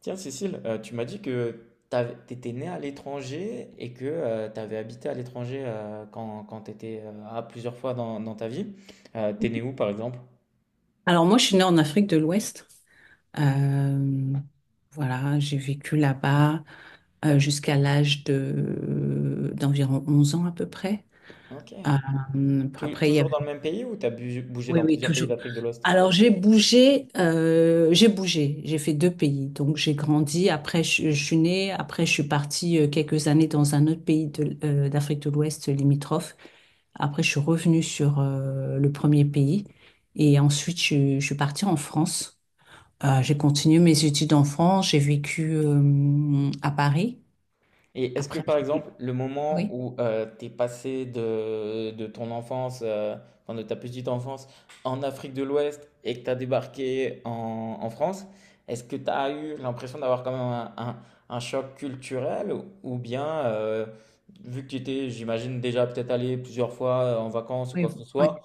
Tiens, Cécile, tu m'as dit que tu étais née à l'étranger et que tu avais habité à l'étranger quand tu étais plusieurs fois dans ta vie. T'es née où, par exemple? Alors moi, je suis née en Afrique de l'Ouest. Euh, voilà, j'ai vécu là-bas jusqu'à l'âge de d'environ 11 ans à peu près. Ok. Après, il y Toujours avait... dans le même pays ou bougé Oui, dans oui, plusieurs pays toujours. d'Afrique de l'Ouest? Alors j'ai bougé, j'ai fait deux pays. Donc j'ai grandi, je suis née, après je suis partie quelques années dans un autre pays d'Afrique de l'Ouest limitrophe. Après, je suis revenue sur le premier pays et ensuite je suis partie en France. J'ai continué mes études en France, j'ai vécu à Paris. Et est-ce que Après, par j'ai vécu- exemple, le moment Oui, où t'es passé de ton enfance, enfin de ta petite enfance, en Afrique de l'Ouest et que t'as débarqué en France, est-ce que t'as eu l'impression d'avoir quand même un choc culturel ou bien, vu que tu étais, j'imagine, déjà peut-être allé plusieurs fois en vacances ou oui, quoi oui, que ce ouais, soit,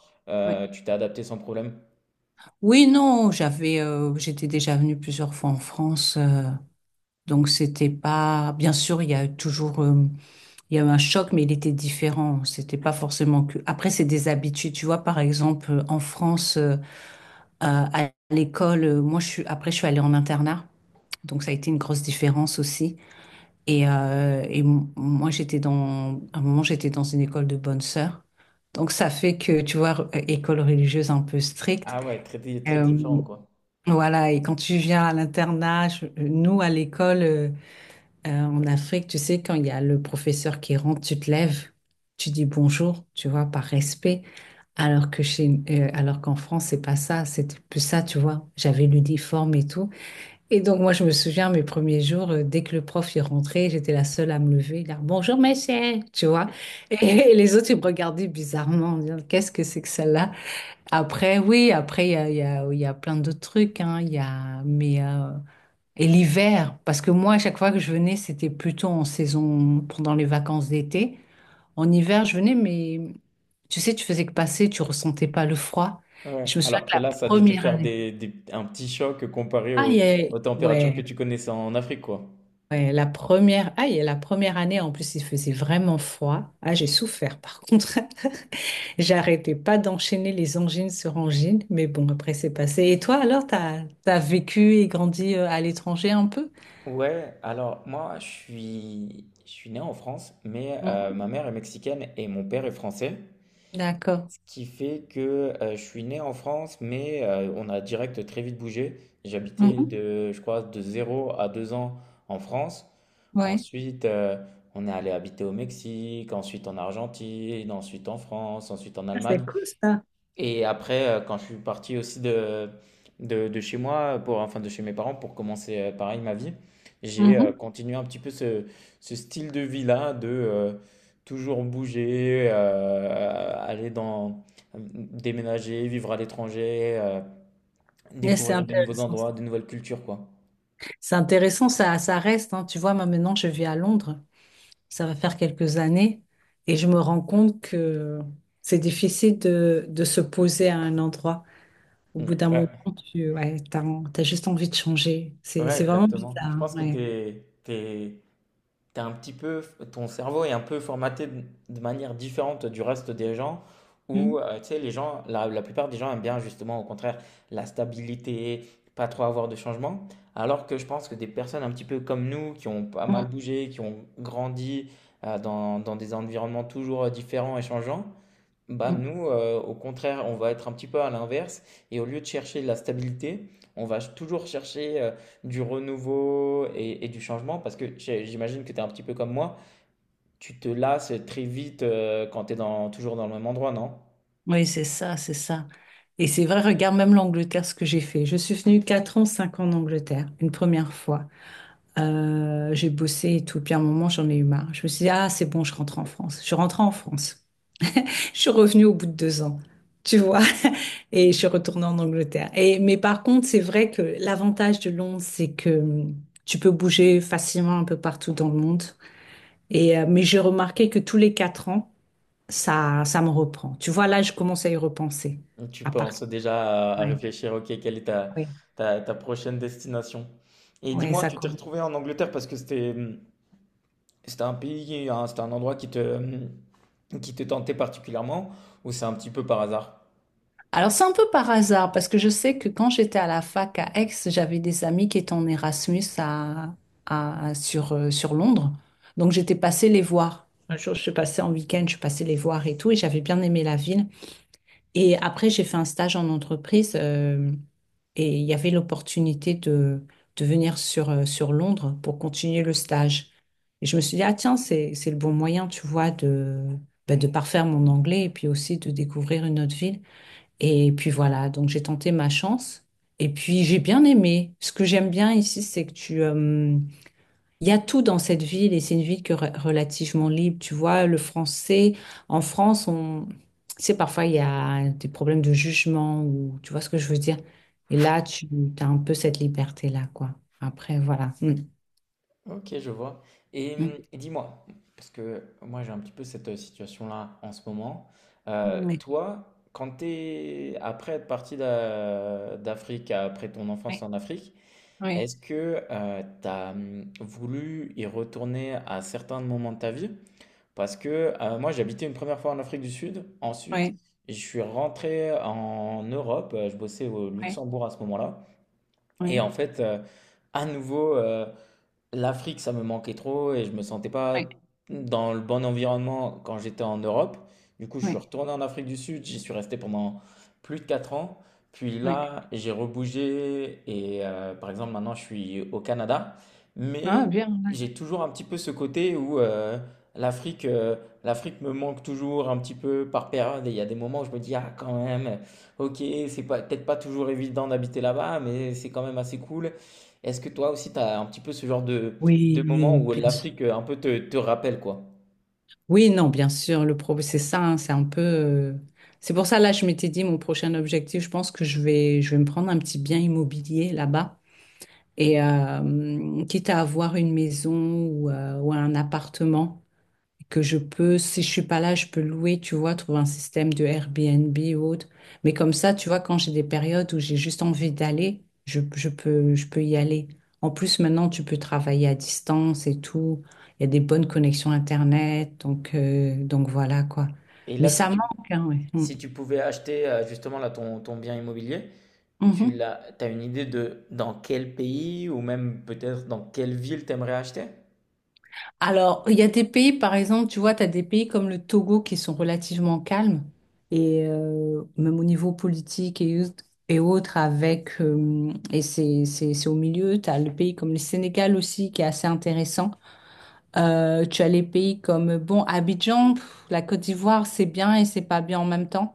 ouais. Tu t'es adapté sans problème? Oui, non, j'étais déjà venue plusieurs fois en France, donc c'était pas. Bien sûr, il y a eu toujours, il y a eu un choc, mais il était différent. C'était pas forcément que. Après, c'est des habitudes, tu vois. Par exemple, en France, à l'école, moi, je suis. Après, je suis allée en internat, donc ça a été une grosse différence aussi. Et, moi, à un moment, j'étais dans une école de bonnes sœurs. Donc, ça fait que, tu vois, école religieuse un peu stricte. Ah ouais, très, très Euh, différent quoi. voilà, et quand tu viens à l'internat, nous, à l'école, en Afrique, tu sais, quand il y a le professeur qui rentre, tu te lèves, tu dis bonjour, tu vois, par respect. Alors qu'en France, c'est pas ça, c'était plus ça, tu vois. J'avais l'uniforme et tout. Et donc, moi, je me souviens, mes premiers jours, dès que le prof est rentré, j'étais la seule à me lever, là, bonjour, monsieur, tu vois. Et, les autres, ils me regardaient bizarrement, en disant, qu'est-ce que c'est que celle-là? Après, oui, après, il y a plein d'autres trucs, hein, il y a, mais, et l'hiver, parce que moi, à chaque fois que je venais, c'était plutôt en saison, pendant les vacances d'été. En hiver, je venais, mais tu sais, tu faisais que passer, tu ressentais pas le froid. Et Ouais, je me souviens alors que que la là, ça a dû te première faire année, un petit choc comparé ah, il y a- aux températures que ouais. tu connaissais en Afrique, quoi. Et la première année, en plus, il faisait vraiment froid. Ah, j'ai souffert, par contre. J'arrêtais pas d'enchaîner les angines sur angines, mais bon, après, c'est passé. Et toi, alors, t'as vécu et grandi à l'étranger un peu? Ouais, alors moi, je suis né en France, mais Mhm. ma mère est mexicaine et mon père est français. D'accord. Ce qui fait que je suis né en France, mais on a direct très vite bougé. J'habitais Mhm. de, je crois, de 0 à 2 ans en France. Ouais. Ensuite, on est allé habiter au Mexique, ensuite en Argentine, ensuite en France, ensuite en Ah, c'est Allemagne. cool, ça. Et après, quand je suis parti aussi de chez moi, pour, enfin de chez mes parents, pour commencer pareil ma vie, j'ai Mhm. continué un petit peu ce, ce style de vie-là, de toujours bouger, aller dans, déménager, vivre à l'étranger, Mais c'est découvrir de nouveaux intéressant. endroits, de nouvelles cultures, quoi. C'est intéressant, ça reste, hein. Tu vois, moi, maintenant, je vis à Londres. Ça va faire quelques années. Et je me rends compte que c'est difficile de se poser à un endroit. Au bout d'un moment, Ouais, tu ouais, t'as, t'as juste envie de changer. Ouais, C'est vraiment exactement. Je bizarre. pense que Ouais. T'es un petit peu, ton cerveau est un peu formaté de manière différente du reste des gens, où Mm, tu sais, les gens, la plupart des gens aiment bien justement, au contraire, la stabilité, pas trop avoir de changement, alors que je pense que des personnes un petit peu comme nous, qui ont pas mm, mal bougé, qui ont grandi dans des environnements toujours différents et changeants, bah mm. nous, au contraire, on va être un petit peu à l'inverse et au lieu de chercher de la stabilité, on va toujours chercher du renouveau et du changement parce que j'imagine que tu es un petit peu comme moi, tu te lasses très vite quand tu es dans, toujours dans le même endroit, non? Oui, c'est ça, c'est ça. Et c'est vrai, regarde même l'Angleterre, ce que j'ai fait. Je suis venue 4 ans, 5 ans en Angleterre, une première fois. J'ai bossé et tout. Puis à un moment, j'en ai eu marre. Je me suis dit, ah, c'est bon, je rentre en France. Je suis rentrée en France. Je suis revenue au bout de 2 ans, tu vois. Et je suis retournée en Angleterre. Et, mais par contre, c'est vrai que l'avantage de Londres, c'est que tu peux bouger facilement un peu partout dans le monde. Et, mais j'ai remarqué que tous les 4 ans, ça me reprend. Tu vois, là, je commence à y repenser. Tu À partir. penses déjà à Ouais, réfléchir, ok, quelle est ouais, ta prochaine destination? Et ouais, dis-moi, ça tu t'es commence. retrouvé en Angleterre parce que c'était c'était un pays, hein, c'était un endroit qui te tentait particulièrement ou c'est un petit peu par hasard? Alors, c'est un peu par hasard, parce que je sais que quand j'étais à la fac à Aix, j'avais des amis qui étaient en Erasmus sur Londres. Donc, j'étais passée les voir. Un jour, je suis passée en week-end, je suis passée les voir et tout, et j'avais bien aimé la ville. Et après, j'ai fait un stage en entreprise. Et il y avait l'opportunité de venir sur Londres pour continuer le stage. Et je me suis dit, ah tiens, c'est le bon moyen, tu vois, de, ben, de parfaire mon anglais et puis aussi de découvrir une autre ville. Et puis voilà, donc j'ai tenté ma chance. Et puis j'ai bien aimé. Ce que j'aime bien ici, c'est que il y a tout dans cette ville et c'est une ville qui est relativement libre. Tu vois, le français, en France, tu sais, parfois il y a des problèmes de jugement ou tu vois ce que je veux dire. Et là, tu as un peu cette liberté-là, quoi. Après, voilà. Mm. Ok, je vois. Mm. Et dis-moi, parce que moi j'ai un petit peu cette situation-là en ce moment. Oui, Toi, quand t'es après être parti d'Afrique, après ton enfance oui, en Afrique, oui, est-ce que t'as voulu y retourner à certains moments de ta vie? Parce que moi j'ai habité une première fois en Afrique du Sud, ensuite oui, je suis rentré en Europe, je bossais au oui, Luxembourg à ce moment-là, et oui, en fait à nouveau. L'Afrique, ça me manquait trop et je me sentais pas oui, dans le bon environnement quand j'étais en Europe. Du coup, je suis oui, retourné en Afrique du Sud, j'y suis resté pendant plus de 4 ans. Puis oui. là, j'ai rebougé et par exemple, maintenant, je suis au Canada. Ah, Mais bien, ouais. j'ai toujours un petit peu ce côté où l'Afrique euh, l'Afrique me manque toujours un petit peu par période. Et il y a des moments où je me dis, ah, quand même, ok, c'est pas, peut-être pas toujours évident d'habiter là-bas, mais c'est quand même assez cool. Est-ce que toi aussi, tu as un petit peu ce genre Oui, de moment où bien sûr. l'Afrique un peu te rappelle quoi? Oui, non, bien sûr. Le problème, c'est ça, hein, c'est un peu. C'est pour ça, là, je m'étais dit, mon prochain objectif, je pense que je vais me prendre un petit bien immobilier là-bas. Et quitte à avoir une maison ou un appartement que je peux, si je suis pas là, je peux louer, tu vois, trouver un système de Airbnb ou autre. Mais comme ça, tu vois, quand j'ai des périodes où j'ai juste envie d'aller, je peux y aller. En plus, maintenant, tu peux travailler à distance et tout. Il y a des bonnes connexions Internet. Donc voilà, quoi. Et là, Mais ça manque, hein, ouais. Mm. si tu pouvais acheter justement là, ton bien immobilier, Mhm. T'as une idée de dans quel pays ou même peut-être dans quelle ville t'aimerais acheter? Alors, il y a des pays, par exemple, tu vois, tu as des pays comme le Togo qui sont relativement calmes, et même au niveau politique et autres, et c'est au milieu, tu as le pays comme le Sénégal aussi qui est assez intéressant. Tu as les pays comme, bon, Abidjan, pff, la Côte d'Ivoire, c'est bien et c'est pas bien en même temps.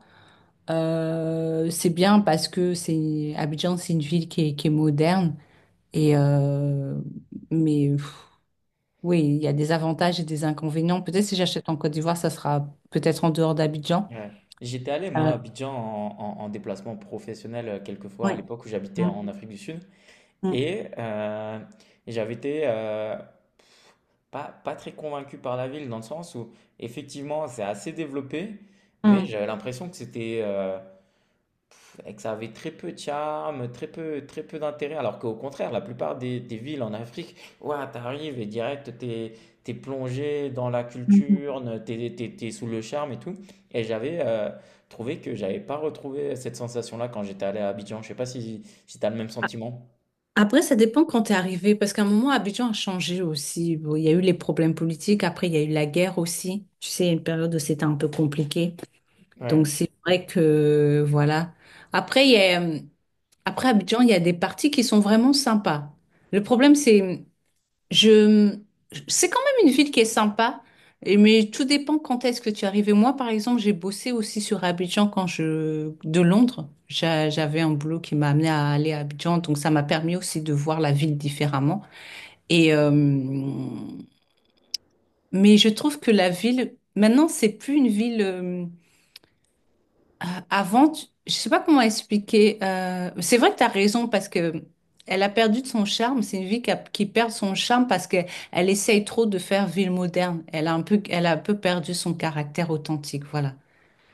C'est bien parce que c'est Abidjan, c'est une ville qui est moderne, et, euh, mais. Oui, il y a des avantages et des inconvénients. Peut-être si j'achète en Côte d'Ivoire, ça sera peut-être en dehors d'Abidjan. Ouais. J'étais allé, moi, à Euh, Abidjan en déplacement professionnel quelquefois à Ouais. l'époque où j'habitais Mm, en Afrique du Sud. mm, Et j'avais été pas, pas très convaincu par la ville, dans le sens où effectivement c'est assez développé, mais mm, j'avais l'impression que c'était que ça avait très peu de charme, très peu d'intérêt, alors qu'au contraire, la plupart des villes en Afrique, ouah, t'arrives et direct, t'es, t'es plongé dans la mhm. culture, t'es, t'es, t'es sous le charme et tout. Et j'avais trouvé que j'avais pas retrouvé cette sensation-là quand j'étais allé à Abidjan. Je sais pas si, si t'as le même sentiment. Après, ça dépend quand tu es arrivé, parce qu'à un moment, Abidjan a changé aussi. Bon, il y a eu les problèmes politiques, après, il y a eu la guerre aussi. Tu sais, il y a une période où c'était un peu compliqué. Donc, Ouais, c'est vrai que, voilà. Après, il y a, Après Abidjan, il y a des parties qui sont vraiment sympas. Le problème, c'est, Je, C'est quand même une ville qui est sympa, mais tout dépend quand est-ce que tu arrives. Et moi, par exemple, j'ai bossé aussi sur Abidjan de Londres. J'avais un boulot qui m'a amené à aller à Abidjan, donc ça m'a permis aussi de voir la ville différemment. Et mais je trouve que la ville, maintenant, c'est plus une ville. Avant, je sais pas comment expliquer. C'est vrai que tu as raison parce que elle a perdu de son charme. C'est une vie qui perd son charme parce qu'elle elle essaye trop de faire ville moderne. Elle a un peu perdu son caractère authentique, voilà.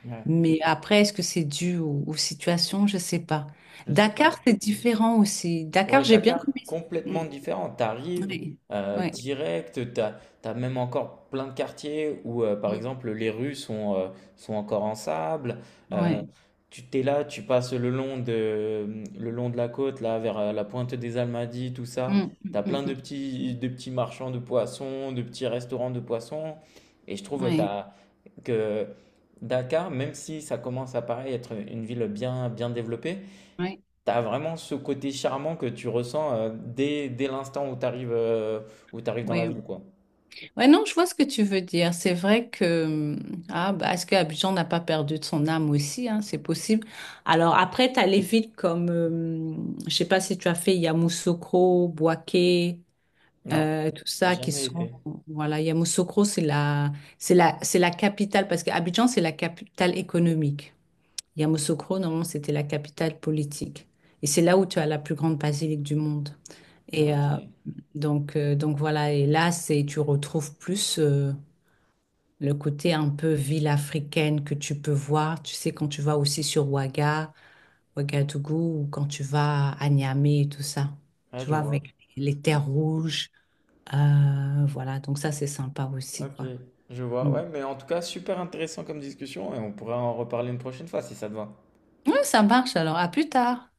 ouais. Mais après, est-ce que c'est dû aux, aux situations? Je sais pas. Je sais pas. Dakar, c'est différent aussi. Dakar, Ouais, j'ai bien Dakar, aimé. complètement Mm, différent. T'arrives oui, oui, direct, t'as, t'as même encore plein de quartiers où, par mm, exemple, les rues sont, sont encore en sable. Euh, ouais, Tu t'es là, tu passes le long de la côte, là, vers la pointe des Almadies, tout ça. mm, mm, T'as mm, plein mm, de petits marchands de poissons, de petits restaurants de poissons. Et je trouve oui, t'as, que Dakar, même si ça commence à paraître être une ville bien, bien développée, oui, t'as vraiment ce côté charmant que tu ressens dès, dès l'instant où t'arrives dans la ville, oui. quoi. Ouais, non, je vois ce que tu veux dire. C'est vrai que, ah, bah, est-ce que Abidjan n'a pas perdu de son âme aussi, hein, c'est possible. Alors après, t'as les villes comme, je sais pas si tu as fait Yamoussoukro, Boaké, Non, tout ça qui jamais sont, été. voilà, Yamoussoukro, c'est la capitale, parce qu'Abidjan, c'est la capitale économique. Yamoussoukro, normalement, c'était la capitale politique. Et c'est là où tu as la plus grande basilique du monde. Et Ok, donc voilà, et là, tu retrouves plus. Le côté un peu ville africaine que tu peux voir, tu sais, quand tu vas aussi sur Ouaga, Ouagadougou, ou quand tu vas à Niamey et tout ça, ah, tu je vois, vois. avec les terres rouges, voilà, donc ça c'est sympa aussi, Ok, quoi. je vois. Mm. Ouais, mais en tout cas, super intéressant comme discussion et on pourra en reparler une prochaine fois si ça te va. Ouais, ça marche alors, à plus tard.